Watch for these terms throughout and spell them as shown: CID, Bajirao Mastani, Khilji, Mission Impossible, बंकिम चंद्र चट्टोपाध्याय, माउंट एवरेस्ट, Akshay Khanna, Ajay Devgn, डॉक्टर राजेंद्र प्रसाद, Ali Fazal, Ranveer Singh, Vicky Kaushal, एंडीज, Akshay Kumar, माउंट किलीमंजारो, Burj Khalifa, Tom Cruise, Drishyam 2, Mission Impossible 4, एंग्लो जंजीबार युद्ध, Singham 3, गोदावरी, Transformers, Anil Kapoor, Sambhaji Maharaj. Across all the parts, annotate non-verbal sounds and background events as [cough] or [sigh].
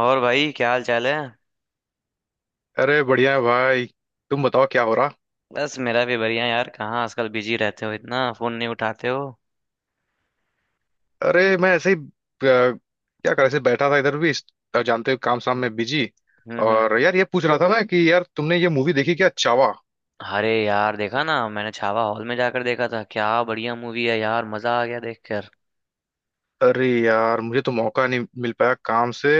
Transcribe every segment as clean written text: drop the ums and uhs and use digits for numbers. और भाई क्या हाल चाल है। अरे बढ़िया है भाई। तुम बताओ क्या हो रहा। बस मेरा भी बढ़िया यार। कहाँ आजकल बिजी रहते हो, इतना फोन नहीं उठाते हो। अरे मैं ऐसे ही क्या कर ऐसे बैठा था इधर भी जानते हो काम शाम में बिजी। हम्म। और यार ये पूछ रहा था ना कि यार तुमने ये मूवी देखी क्या, चावा। अरे यार देखा ना, मैंने छावा हॉल में जाकर देखा था। क्या बढ़िया मूवी है यार, मजा आ गया देखकर। अरे यार मुझे तो मौका नहीं मिल पाया काम से।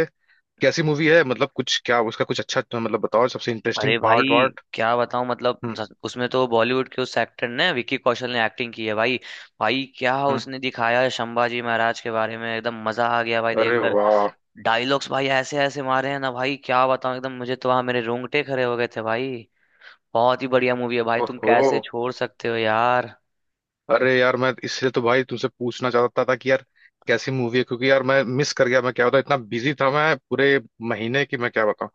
कैसी मूवी है, मतलब कुछ, क्या उसका कुछ अच्छा तो, मतलब बताओ सबसे इंटरेस्टिंग अरे भाई पार्ट वार्ट। क्या बताऊं, मतलब हम्म उसमें तो बॉलीवुड के उस एक्टर ने, विक्की कौशल ने एक्टिंग की है भाई। भाई क्या हम्म। उसने दिखाया है संभाजी महाराज के बारे में, एकदम मजा आ गया भाई अरे देखकर। वाह। डायलॉग्स भाई ऐसे ऐसे मारे हैं ना भाई, क्या बताऊं, एकदम मुझे तो वहां मेरे रोंगटे खड़े हो गए थे भाई। बहुत ही बढ़िया मूवी है भाई, तुम ओहो। कैसे छोड़ सकते हो यार। अरे यार मैं इसलिए तो भाई तुमसे पूछना चाहता था कि यार कैसी मूवी है, क्योंकि यार मैं मिस कर गया। मैं क्या बताऊं, इतना बिजी था मैं पूरे महीने की, मैं क्या बताऊं।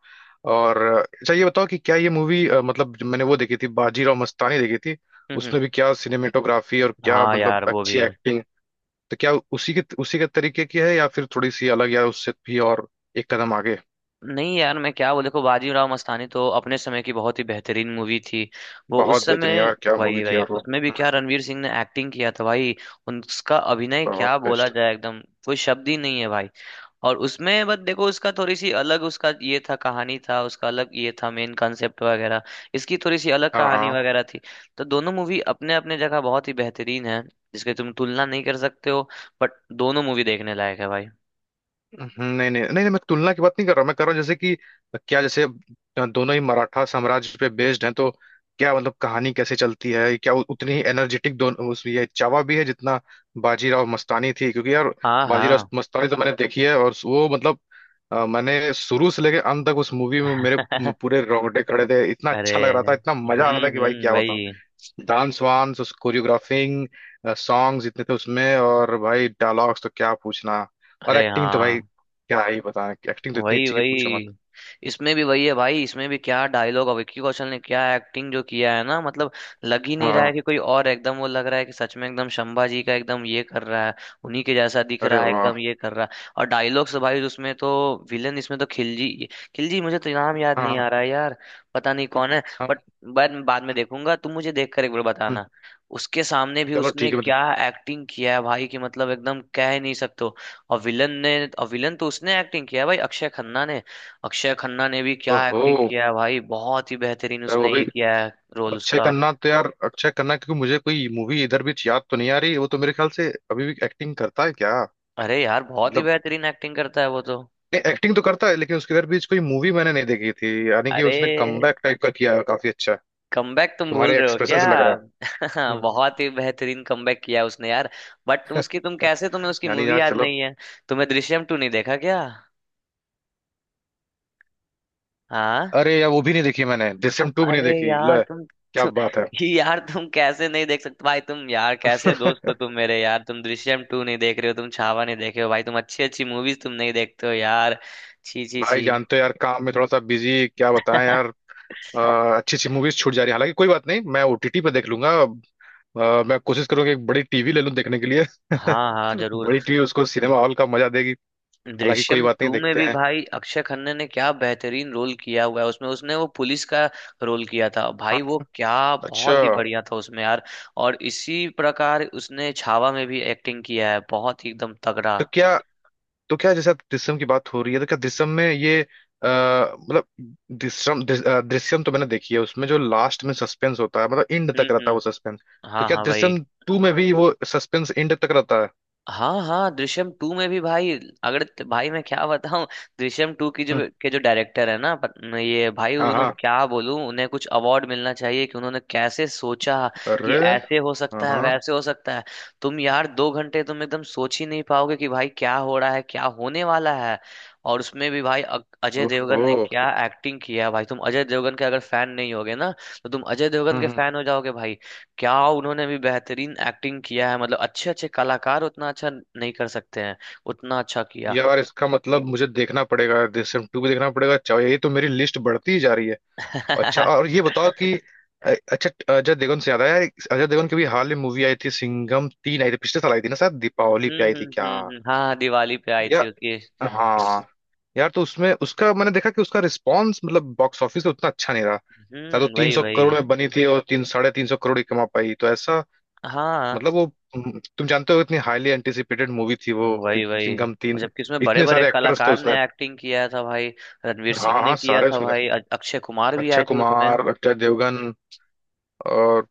और अच्छा ये बताओ कि क्या ये मूवी, मतलब जो मैंने वो देखी थी बाजीराव मस्तानी देखी थी, हम्म हम्म, उसमें भी क्या सिनेमेटोग्राफी और क्या हाँ मतलब यार वो अच्छी भी। एक्टिंग। तो क्या उसी के तरीके की है, या फिर थोड़ी सी अलग, या उससे भी और एक कदम आगे। नहीं यार मैं क्या बोल, देखो बाजीराव मस्तानी तो अपने समय की बहुत ही बेहतरीन मूवी थी। वो उस बहुत बेहतरीन समय। यार, क्या मूवी वही थी वही, यार वो। उसमें भी क्या हम्म। रणवीर सिंह ने एक्टिंग किया था भाई। उनका अभिनय बहुत क्या बोला बेस्ट। जाए, एकदम कोई शब्द ही नहीं है भाई। और उसमें बस देखो, उसका थोड़ी सी अलग उसका ये था, कहानी था उसका अलग ये था, मेन कॉन्सेप्ट वगैरह। इसकी थोड़ी सी अलग हाँ कहानी हाँ। वगैरह थी। तो दोनों मूवी अपने अपने जगह बहुत ही बेहतरीन है। जिसकी तुम तुलना नहीं कर सकते हो। बट दोनों मूवी देखने लायक है भाई। नहीं नहीं नहीं नहीं, मैं तुलना की बात नहीं कर रहा। मैं कर रहा हूँ जैसे कि क्या, जैसे दोनों ही मराठा साम्राज्य पे बेस्ड हैं, तो क्या मतलब कहानी कैसे चलती है, क्या उतनी ही एनर्जेटिक दोनों उस, ये चावा भी है जितना बाजीराव मस्तानी थी, क्योंकि यार हाँ बाजीराव हाँ। मस्तानी तो मैंने देखी है और वो मतलब मैंने शुरू से लेकर अंत तक उस मूवी में मेरे पूरे [laughs] रोंगटे खड़े थे, इतना अरे। अच्छा लग रहा था, इतना मजा आ रहा था कि भाई क्या! वही। डांस वांस, उस कोरियोग्राफिंग, सॉन्ग्स इतने थे उसमें, और भाई डायलॉग्स तो क्या पूछना। और अरे एक्टिंग तो भाई हाँ। क्या ही बताना, एक्टिंग तो इतनी वही अच्छी कि पूछो मत। वही, इसमें भी वही है भाई, इसमें भी क्या डायलॉग, और विक्की कौशल ने क्या एक्टिंग जो किया है ना, मतलब लग ही नहीं रहा है हाँ। कि कोई और है, एकदम वो लग रहा है कि सच में एकदम शंभा जी का एकदम ये कर रहा है। उन्हीं के जैसा दिख अरे रहा है, वाह। एकदम ये कर रहा है। और डायलॉग्स भाई, उसमें तो विलन, इसमें तो खिलजी। खिलजी मुझे तो नाम याद नहीं आ हाँ रहा है यार, पता नहीं कौन है। हाँ। बट बाद बाद में देखूंगा, तुम मुझे देख कर एक बार हम्म, बताना। उसके सामने भी चलो उसने ठीक है मतलब। क्या एक्टिंग किया है भाई कि मतलब एकदम कह ही नहीं सकते। और विलन ने। और विलन तो उसने एक्टिंग किया है भाई, अक्षय खन्ना ने। अक्षय खन्ना ने भी क्या ओहो। एक्टिंग किया है भाई, बहुत ही बेहतरीन यार वो उसने भी। ये किया है, रोल अक्षय उसका। खन्ना तो यार, अक्षय खन्ना क्योंकि मुझे कोई मूवी इधर भी याद तो नहीं आ रही। वो तो मेरे ख्याल से अभी भी एक्टिंग करता है क्या? अरे यार बहुत ही मतलब बेहतरीन एक्टिंग करता है वो तो। एक्टिंग तो करता है, लेकिन उसके इधर भी कोई मूवी मैंने नहीं देखी थी, यानी कि अरे उसने कमबैक टाइप का किया है, काफी अच्छा। कमबैक तुम भूल तुम्हारे रहे हो एक्सप्रेशन क्या। से लग रहा [laughs] बहुत ही बेहतरीन कमबैक किया है उसने यार। बट उसकी तुम है। कैसे, तुम्हें उसकी यानी मूवी यार याद चलो। नहीं है। तुम्हें दृश्यम टू नहीं देखा क्या। हाँ। अरे यार वो भी नहीं देखी, मैंने दृश्यम टू भी नहीं अरे देखी, यार लो तुम, क्या तुम बात है। यार तुम कैसे नहीं देख सकते भाई, तुम यार कैसे [laughs] दोस्त हो तुम मेरे यार, तुम दृश्यम टू नहीं देख रहे हो, तुम छावा नहीं देखे हो भाई, तुम अच्छी अच्छी मूवीज तुम नहीं देखते हो यार। छी छी भाई छी। जानते हो यार, काम में थोड़ा सा बिजी, क्या बताएं यार। [laughs] अ, अच्छी अच्छी मूवीज छूट जा रही है, हालांकि कोई बात नहीं, मैं ओटीटी पे देख लूंगा। मैं कोशिश करूंगा एक बड़ी टीवी ले लूं देखने के लिए। हाँ हाँ [laughs] जरूर। बड़ी टीवी उसको सिनेमा हॉल का मजा देगी। हालांकि कोई दृश्यम बात नहीं, टू में देखते भी हैं। भाई अक्षय खन्ना ने क्या बेहतरीन रोल किया हुआ है, उसमें उसने वो पुलिस का रोल किया था भाई, वो क्या अच्छा। बहुत ही बढ़िया था उसमें यार। और इसी प्रकार उसने छावा में भी एक्टिंग किया है, बहुत ही एकदम तगड़ा। तो क्या, तो क्या जैसे आप दृश्यम की बात हो रही है, तो क्या दृश्यम में ये मतलब दृश्यम तो मैंने देखी है, उसमें जो लास्ट में सस्पेंस होता है, मतलब एंड तक रहता है वो हम्म। सस्पेंस, तो हाँ क्या हाँ भाई। दृश्यम टू में भी वो सस्पेंस एंड तक रहता है? हाँ हाँ दृश्यम टू में भी भाई। अगर भाई मैं क्या बताऊं, दृश्यम टू की जो, हम्म, के जो डायरेक्टर है ना ये भाई, हाँ उन्होंने हाँ। क्या बोलूं, उन्हें कुछ अवार्ड मिलना चाहिए कि उन्होंने कैसे सोचा कि अरे ऐसे हो हाँ सकता है हाँ। वैसे हो सकता है। तुम यार 2 घंटे तुम एकदम सोच ही नहीं पाओगे कि भाई क्या हो रहा है, क्या होने वाला है। और उसमें भी भाई अजय देवगन ने ओहो। क्या एक्टिंग किया है भाई, तुम अजय देवगन के अगर फैन नहीं होगे ना, तो तुम अजय देवगन हम्म के हम्म। फैन हो जाओगे भाई। क्या उन्होंने भी बेहतरीन एक्टिंग किया है, मतलब अच्छे अच्छे कलाकार उतना अच्छा नहीं कर सकते हैं, उतना अच्छा किया। यार इसका मतलब मुझे देखना पड़ेगा, दृश्यम टू भी देखना पड़ेगा चाहे। ये तो मेरी लिस्ट बढ़ती ही जा रही है। [laughs] अच्छा हम्म और ये बताओ कि अच्छा, अजय देवगन से याद आया। अजय देवगन की भी हाल में मूवी आई थी, सिंघम 3 आई थी पिछले साल, आई थी ना शायद दीपावली हम्म। पे आई थी क्या, हाँ हाँ, दिवाली पे आई थी या? उसकी। हाँ। यार तो उसमें उसका मैंने देखा कि उसका रिस्पॉन्स मतलब बॉक्स ऑफिस पे उतना अच्छा नहीं रहा। शायद वो तीन वही सौ वही। करोड़ में बनी थी और तीन, 350 करोड़ ही कमा पाई, तो ऐसा हाँ मतलब वो। तुम जानते हो इतनी हाईली एंटिसिपेटेड मूवी थी वो कि, वही वही, सिंघम और तीन जबकि उसमें बड़े इतने बड़े सारे एक्टर्स थे कलाकार उसमें। ने एक्टिंग किया था भाई। रणवीर सिंह हाँ ने हाँ किया सारे था उसमें भाई, थे। अक्षय कुमार भी अक्षय आए थे उसमें। कुमार, अक्षय देवगन और,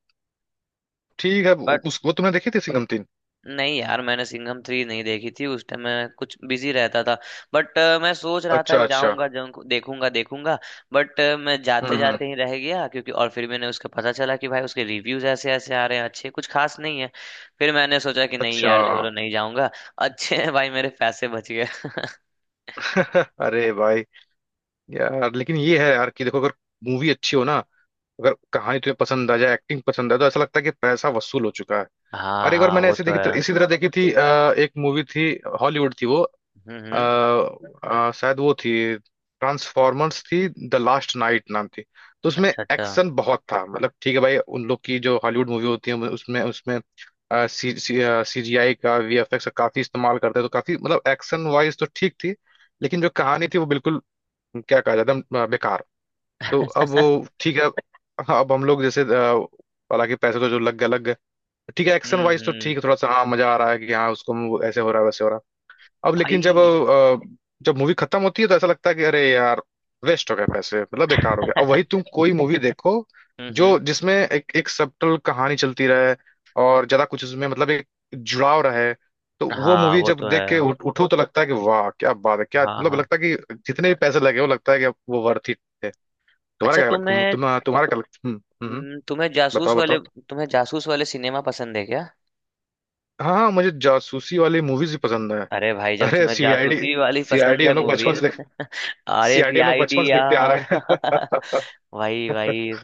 ठीक है। उस, वो तुमने देखी थी सिंघम 3? नहीं यार मैंने सिंघम थ्री नहीं देखी थी, उस टाइम मैं कुछ बिजी रहता था। बट मैं सोच रहा था अच्छा कि अच्छा। जाऊंगा जाऊंगा देखूंगा देखूंगा। बट मैं जाते हम्म। जाते ही रह गया, क्योंकि और फिर मैंने उसका पता चला कि भाई उसके रिव्यूज ऐसे ऐसे आ रहे हैं, अच्छे कुछ खास नहीं है। फिर मैंने सोचा कि नहीं अच्छा। यार छोड़ो, नहीं जाऊंगा। अच्छे हैं भाई, मेरे पैसे बच गए। [laughs] [laughs] अरे भाई। यार लेकिन ये है यार कि देखो, अगर मूवी अच्छी हो ना, अगर कहानी तुम्हें पसंद आ जाए, एक्टिंग पसंद आए, तो ऐसा लगता है कि पैसा वसूल हो चुका है। हाँ और एक बार हाँ मैंने वो ऐसे तो देखी, है। इसी तरह देखी थी एक मूवी थी, हॉलीवुड थी वो। अ, हम्म। शायद वो थी ट्रांसफॉर्मर्स, थी द लास्ट नाइट नाम थी। तो उसमें अच्छा अच्छा। एक्शन बहुत था, मतलब ठीक है भाई उन लोग की जो हॉलीवुड मूवी होती है, उसमें, उसमें सी सीजीआई का, वीएफएक्स का काफी इस्तेमाल करते हैं, तो काफी मतलब एक्शन वाइज तो ठीक थी। लेकिन जो कहानी थी वो बिल्कुल, क्या कहा जाए, एकदम बेकार। तो [laughs] अब वो ठीक है। अब हम लोग जैसे हालांकि पैसे तो जो लग गए लग गए। ठीक है एक्शन वाइज तो ठीक हम्म। है, थोड़ा सा हाँ मजा आ रहा है कि हाँ उसको ऐसे हो रहा है वैसे हो रहा है। अब लेकिन जब भाई। जब मूवी खत्म होती है तो ऐसा लगता है कि अरे यार, वेस्ट हो गया पैसे, मतलब बेकार हो गया। [laughs] अब वही तुम कोई मूवी [laughs] देखो हम्म। जो, जिसमें एक एक सबटल कहानी चलती रहे, और ज्यादा कुछ उसमें मतलब एक जुड़ाव रहे, तो वो हाँ मूवी वो जब तो है, देख के उठो तो लगता है कि वाह क्या बात है, क्या हाँ मतलब हाँ। लगता है कि जितने भी पैसे लगे, वो लगता है कि वो वर्थ इट है। अच्छा तुम्हें, तुम्हारा क्या लग- हम्म। तुम्हें जासूस बताओ वाले, बताओ। तुम्हें जासूस वाले सिनेमा पसंद है क्या। हाँ हाँ मुझे जासूसी वाली मूवीज भी पसंद है। अरे भाई जब अरे तुम्हें सीआईडी, जासूसी वाली पसंद सीआईडी है हम लोग बचपन मूवीज, से, [laughs] आर एस सीआईडी लोग आई डी बचपन से देखते आ यार। रहे हैं। [laughs] [laughs] भाई भाई,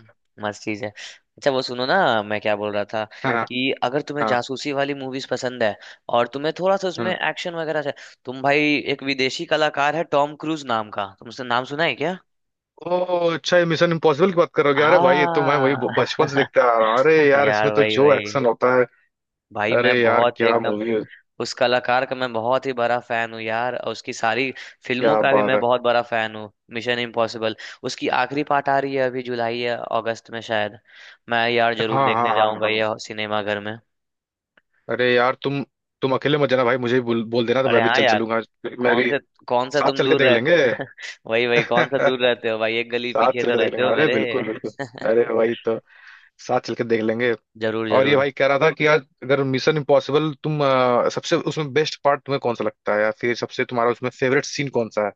मस्त चीज है। अच्छा वो सुनो ना, मैं क्या बोल रहा था हाँ कि अगर तुम्हें हाँ। जासूसी वाली मूवीज पसंद है, और तुम्हें थोड़ा सा उसमें हम्म। एक्शन वगैरह से, तुम भाई एक विदेशी कलाकार है टॉम क्रूज नाम का, तुमसे नाम सुना है क्या। ओ अच्छा, ये मिशन इम्पॉसिबल की बात करोगे? अरे भाई ये तो मैं वही हाँ। बचपन से [laughs] देखते आ रहा हूँ। अरे यार यार इसमें तो वही जो वही। एक्शन होता है, भाई मैं अरे यार बहुत ही क्या एकदम, मूवी है! उस कलाकार का मैं बहुत ही बड़ा फैन हूँ यार, और उसकी सारी फिल्मों क्या का भी बात मैं है। बहुत बड़ा फैन हूँ, मिशन इम्पॉसिबल। उसकी आखिरी पार्ट आ रही है अभी, जुलाई या अगस्त में शायद। मैं यार जरूर हाँ हाँ देखने हाँ जाऊंगा हाँ। ये सिनेमा घर में। अरे यार तुम, अकेले मत जाना भाई, मुझे भी बोल देना, तो मैं अरे भी हाँ चल यार। चलूंगा। मैं कौन भी, से, कौन सा साथ तुम चल के दूर देख लेंगे। रहते। [laughs] वही वही, [laughs] कौन सा दूर रहते हो भाई, एक गली साथ पीछे चल तो के देख रहते लेंगे, हो अरे मेरे। बिल्कुल बिल्कुल। अरे वही तो, साथ चल के देख लेंगे। जरूर और ये जरूर। भाई कह रहा था कि आज, अगर मिशन इम्पॉसिबल, तुम सबसे उसमें बेस्ट पार्ट तुम्हें कौन सा लगता है, या फिर सबसे तुम्हारा उसमें फेवरेट सीन कौन सा है?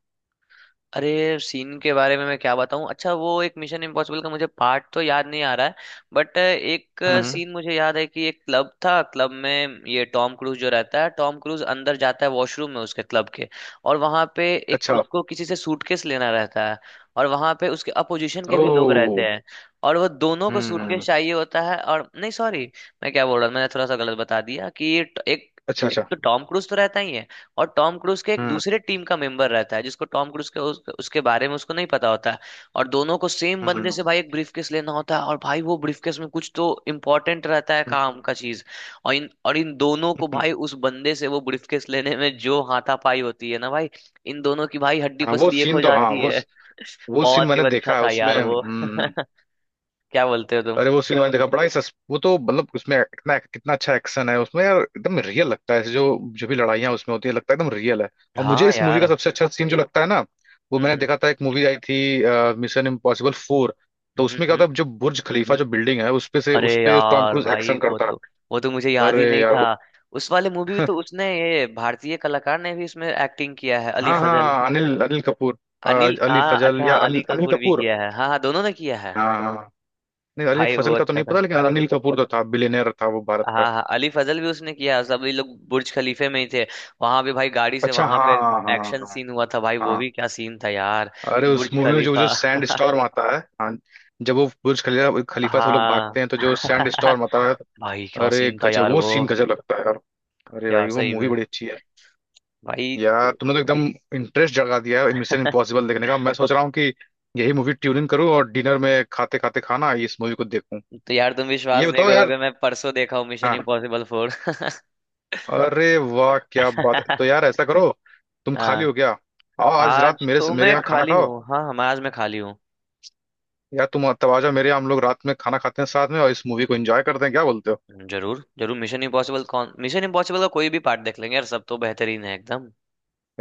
अरे सीन के बारे में मैं क्या बताऊं, अच्छा वो एक मिशन इम्पॉसिबल का मुझे पार्ट तो याद नहीं आ रहा है। बट एक हम्म। सीन मुझे याद है, कि एक क्लब था, क्लब में ये टॉम क्रूज जो रहता है, टॉम क्रूज अंदर जाता है वॉशरूम में उसके क्लब के, और वहां पे एक अच्छा। उसको किसी से सूटकेस लेना रहता है। और वहां पे उसके अपोजिशन के भी लोग ओ। रहते हैं। और वो दोनों को सूटकेस हम्म। चाहिए होता है, और नहीं सॉरी, मैं क्या बोल रहा हूँ, मैंने थोड़ा सा गलत बता दिया कि ये एक, अच्छा एक अच्छा। तो टॉम क्रूज तो रहता ही है। और टॉम क्रूज के एक हम्म दूसरे टीम का मेंबर रहता है, जिसको टॉम क्रूज के उसके बारे में उसको नहीं पता होता। और दोनों को सेम बंदे से हम्म। भाई एक ब्रीफकेस लेना होता है, और भाई वो ब्रीफकेस में कुछ तो इम्पोर्टेंट रहता है, हम्म। काम का चीज। और इन दोनों को हम्म। भाई उस बंदे से वो ब्रीफकेस लेने में जो हाथापाई होती है ना भाई, इन दोनों की भाई हड्डी हाँ वो पसली एक हो सीन तो, हाँ जाती वो है। वो सीन बहुत मैंने ही अच्छा देखा है था उसमें, यार वो। [laughs] हम्म। क्या बोलते हो तुम। अरे वो सीन मैंने देखा बड़ा ही [laughs] सस वो तो मतलब उसमें इतना कितना अच्छा एक्शन है उसमें यार, एकदम रियल लगता है ऐसे, जो जो भी लड़ाइयाँ उसमें होती है लगता है एकदम रियल है। और हाँ मुझे इस मूवी यार। का सबसे अच्छा सीन जो लगता है ना, वो मैंने हम्म देखा था, एक मूवी आई थी मिशन इम्पॉसिबल 4, तो हम्म। उसमें क्या हम्म। था, जो बुर्ज खलीफा जो बिल्डिंग है उसपे से, अरे उसपे टॉम यार क्रूज भाई एक्शन वो करता तो, वो तो मुझे है। याद ही अरे नहीं यार था। वो। उस वाले मूवी में [laughs] तो उसने ये भारतीय कलाकार ने भी उसमें एक्टिंग किया है, अली हाँ फजल। हाँ, अनिल अनिल कपूर। अ, अनिल अली हाँ, अच्छा फजल, या हाँ, अली अनिल अनिल कपूर भी कपूर। किया है, हाँ हाँ दोनों ने किया है। हाँ हाँ। नहीं अली भाई वो फजल का तो अच्छा नहीं था। पता, लेकिन अनिल कपूर तो था, बिलियनर था वो भारत हाँ का। हाँ अली फजल भी उसने किया है, सब ये लोग बुर्ज खलीफे में ही थे। वहां पे भाई गाड़ी से अच्छा वहां पे हाँ हाँ एक्शन हाँ सीन हुआ था भाई, वो हाँ। भी क्या सीन था यार। अरे उस बुर्ज मूवी में जो जो खलीफा। सैंड [laughs] स्टॉर्म आता है, हाँ। जब वो बुर्ज खलीफा खलीफा से वो लोग हाँ। भागते हैं तो जो सैंड स्टॉर्म आता है। [laughs] भाई क्या अरे सीन था गजब, यार वो वो। सीन गजब लगता है यार। अरे यार भाई वो सही मूवी में। बड़ी अच्छी है। भाई। यार तुमने तो एकदम इंटरेस्ट जगा दिया है मिशन [laughs] इम्पॉसिबल देखने का, मैं सोच रहा हूँ कि यही मूवी ट्यूनिंग करूँ और डिनर में खाते खाते खाना इस मूवी को देखूं। तो यार तुम ये विश्वास नहीं बताओ यार। करोगे, मैं परसों देखा हूँ मिशन हाँ। इम्पॉसिबल 4। अरे वाह क्या [laughs] बात है, तो यार ऐसा करो, तुम खाली हाँ। हो, गया आओ आज रात आज मेरे तो मेरे मैं यहाँ खाना खाली खाओ। हूँ, हाँ हाँ, मैं आज मैं खाली हूँ। यार तुम तब आ जाओ मेरे यहाँ, हम लोग रात में खाना खाते हैं साथ में, और इस मूवी को एंजॉय करते हैं, क्या बोलते हो? जरूर जरूर, मिशन इम्पॉसिबल कौन मिशन इम्पॉसिबल का कोई भी पार्ट देख लेंगे यार, सब तो बेहतरीन है एकदम।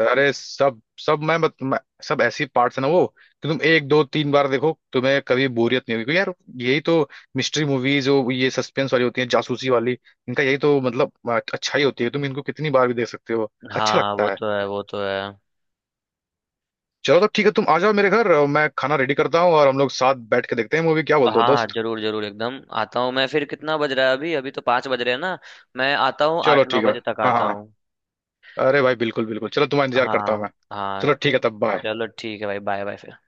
अरे सब सब मैं, मत, मैं सब ऐसी पार्ट्स है ना वो, कि तुम एक दो तीन बार देखो तुम्हें कभी बोरियत नहीं होगी, क्योंकि यार यही तो, मिस्ट्री मूवीज जो ये सस्पेंस वाली होती है जासूसी वाली, इनका यही तो मतलब अच्छा ही होती है, तुम इनको कितनी बार भी देख सकते हो, अच्छा हाँ वो लगता है। तो है, वो तो है। चलो तो ठीक है, तुम आ जाओ मेरे घर, मैं खाना रेडी करता हूँ और हम लोग साथ बैठ के देखते हैं मूवी, क्या हाँ बोलते हो हाँ दोस्त? जरूर जरूर, एकदम आता हूँ मैं, फिर कितना बज रहा है अभी, अभी तो 5 बज रहे हैं ना। मैं आता हूँ चलो 8 9 ठीक है, बजे तक हाँ आता हाँ हाँ। हूँ। अरे भाई बिल्कुल बिल्कुल, चलो तुम्हारा इंतजार करता हूँ हाँ मैं। हाँ। चलो ठीक है, तब बाय। चलो ठीक है भाई, बाय बाय फिर।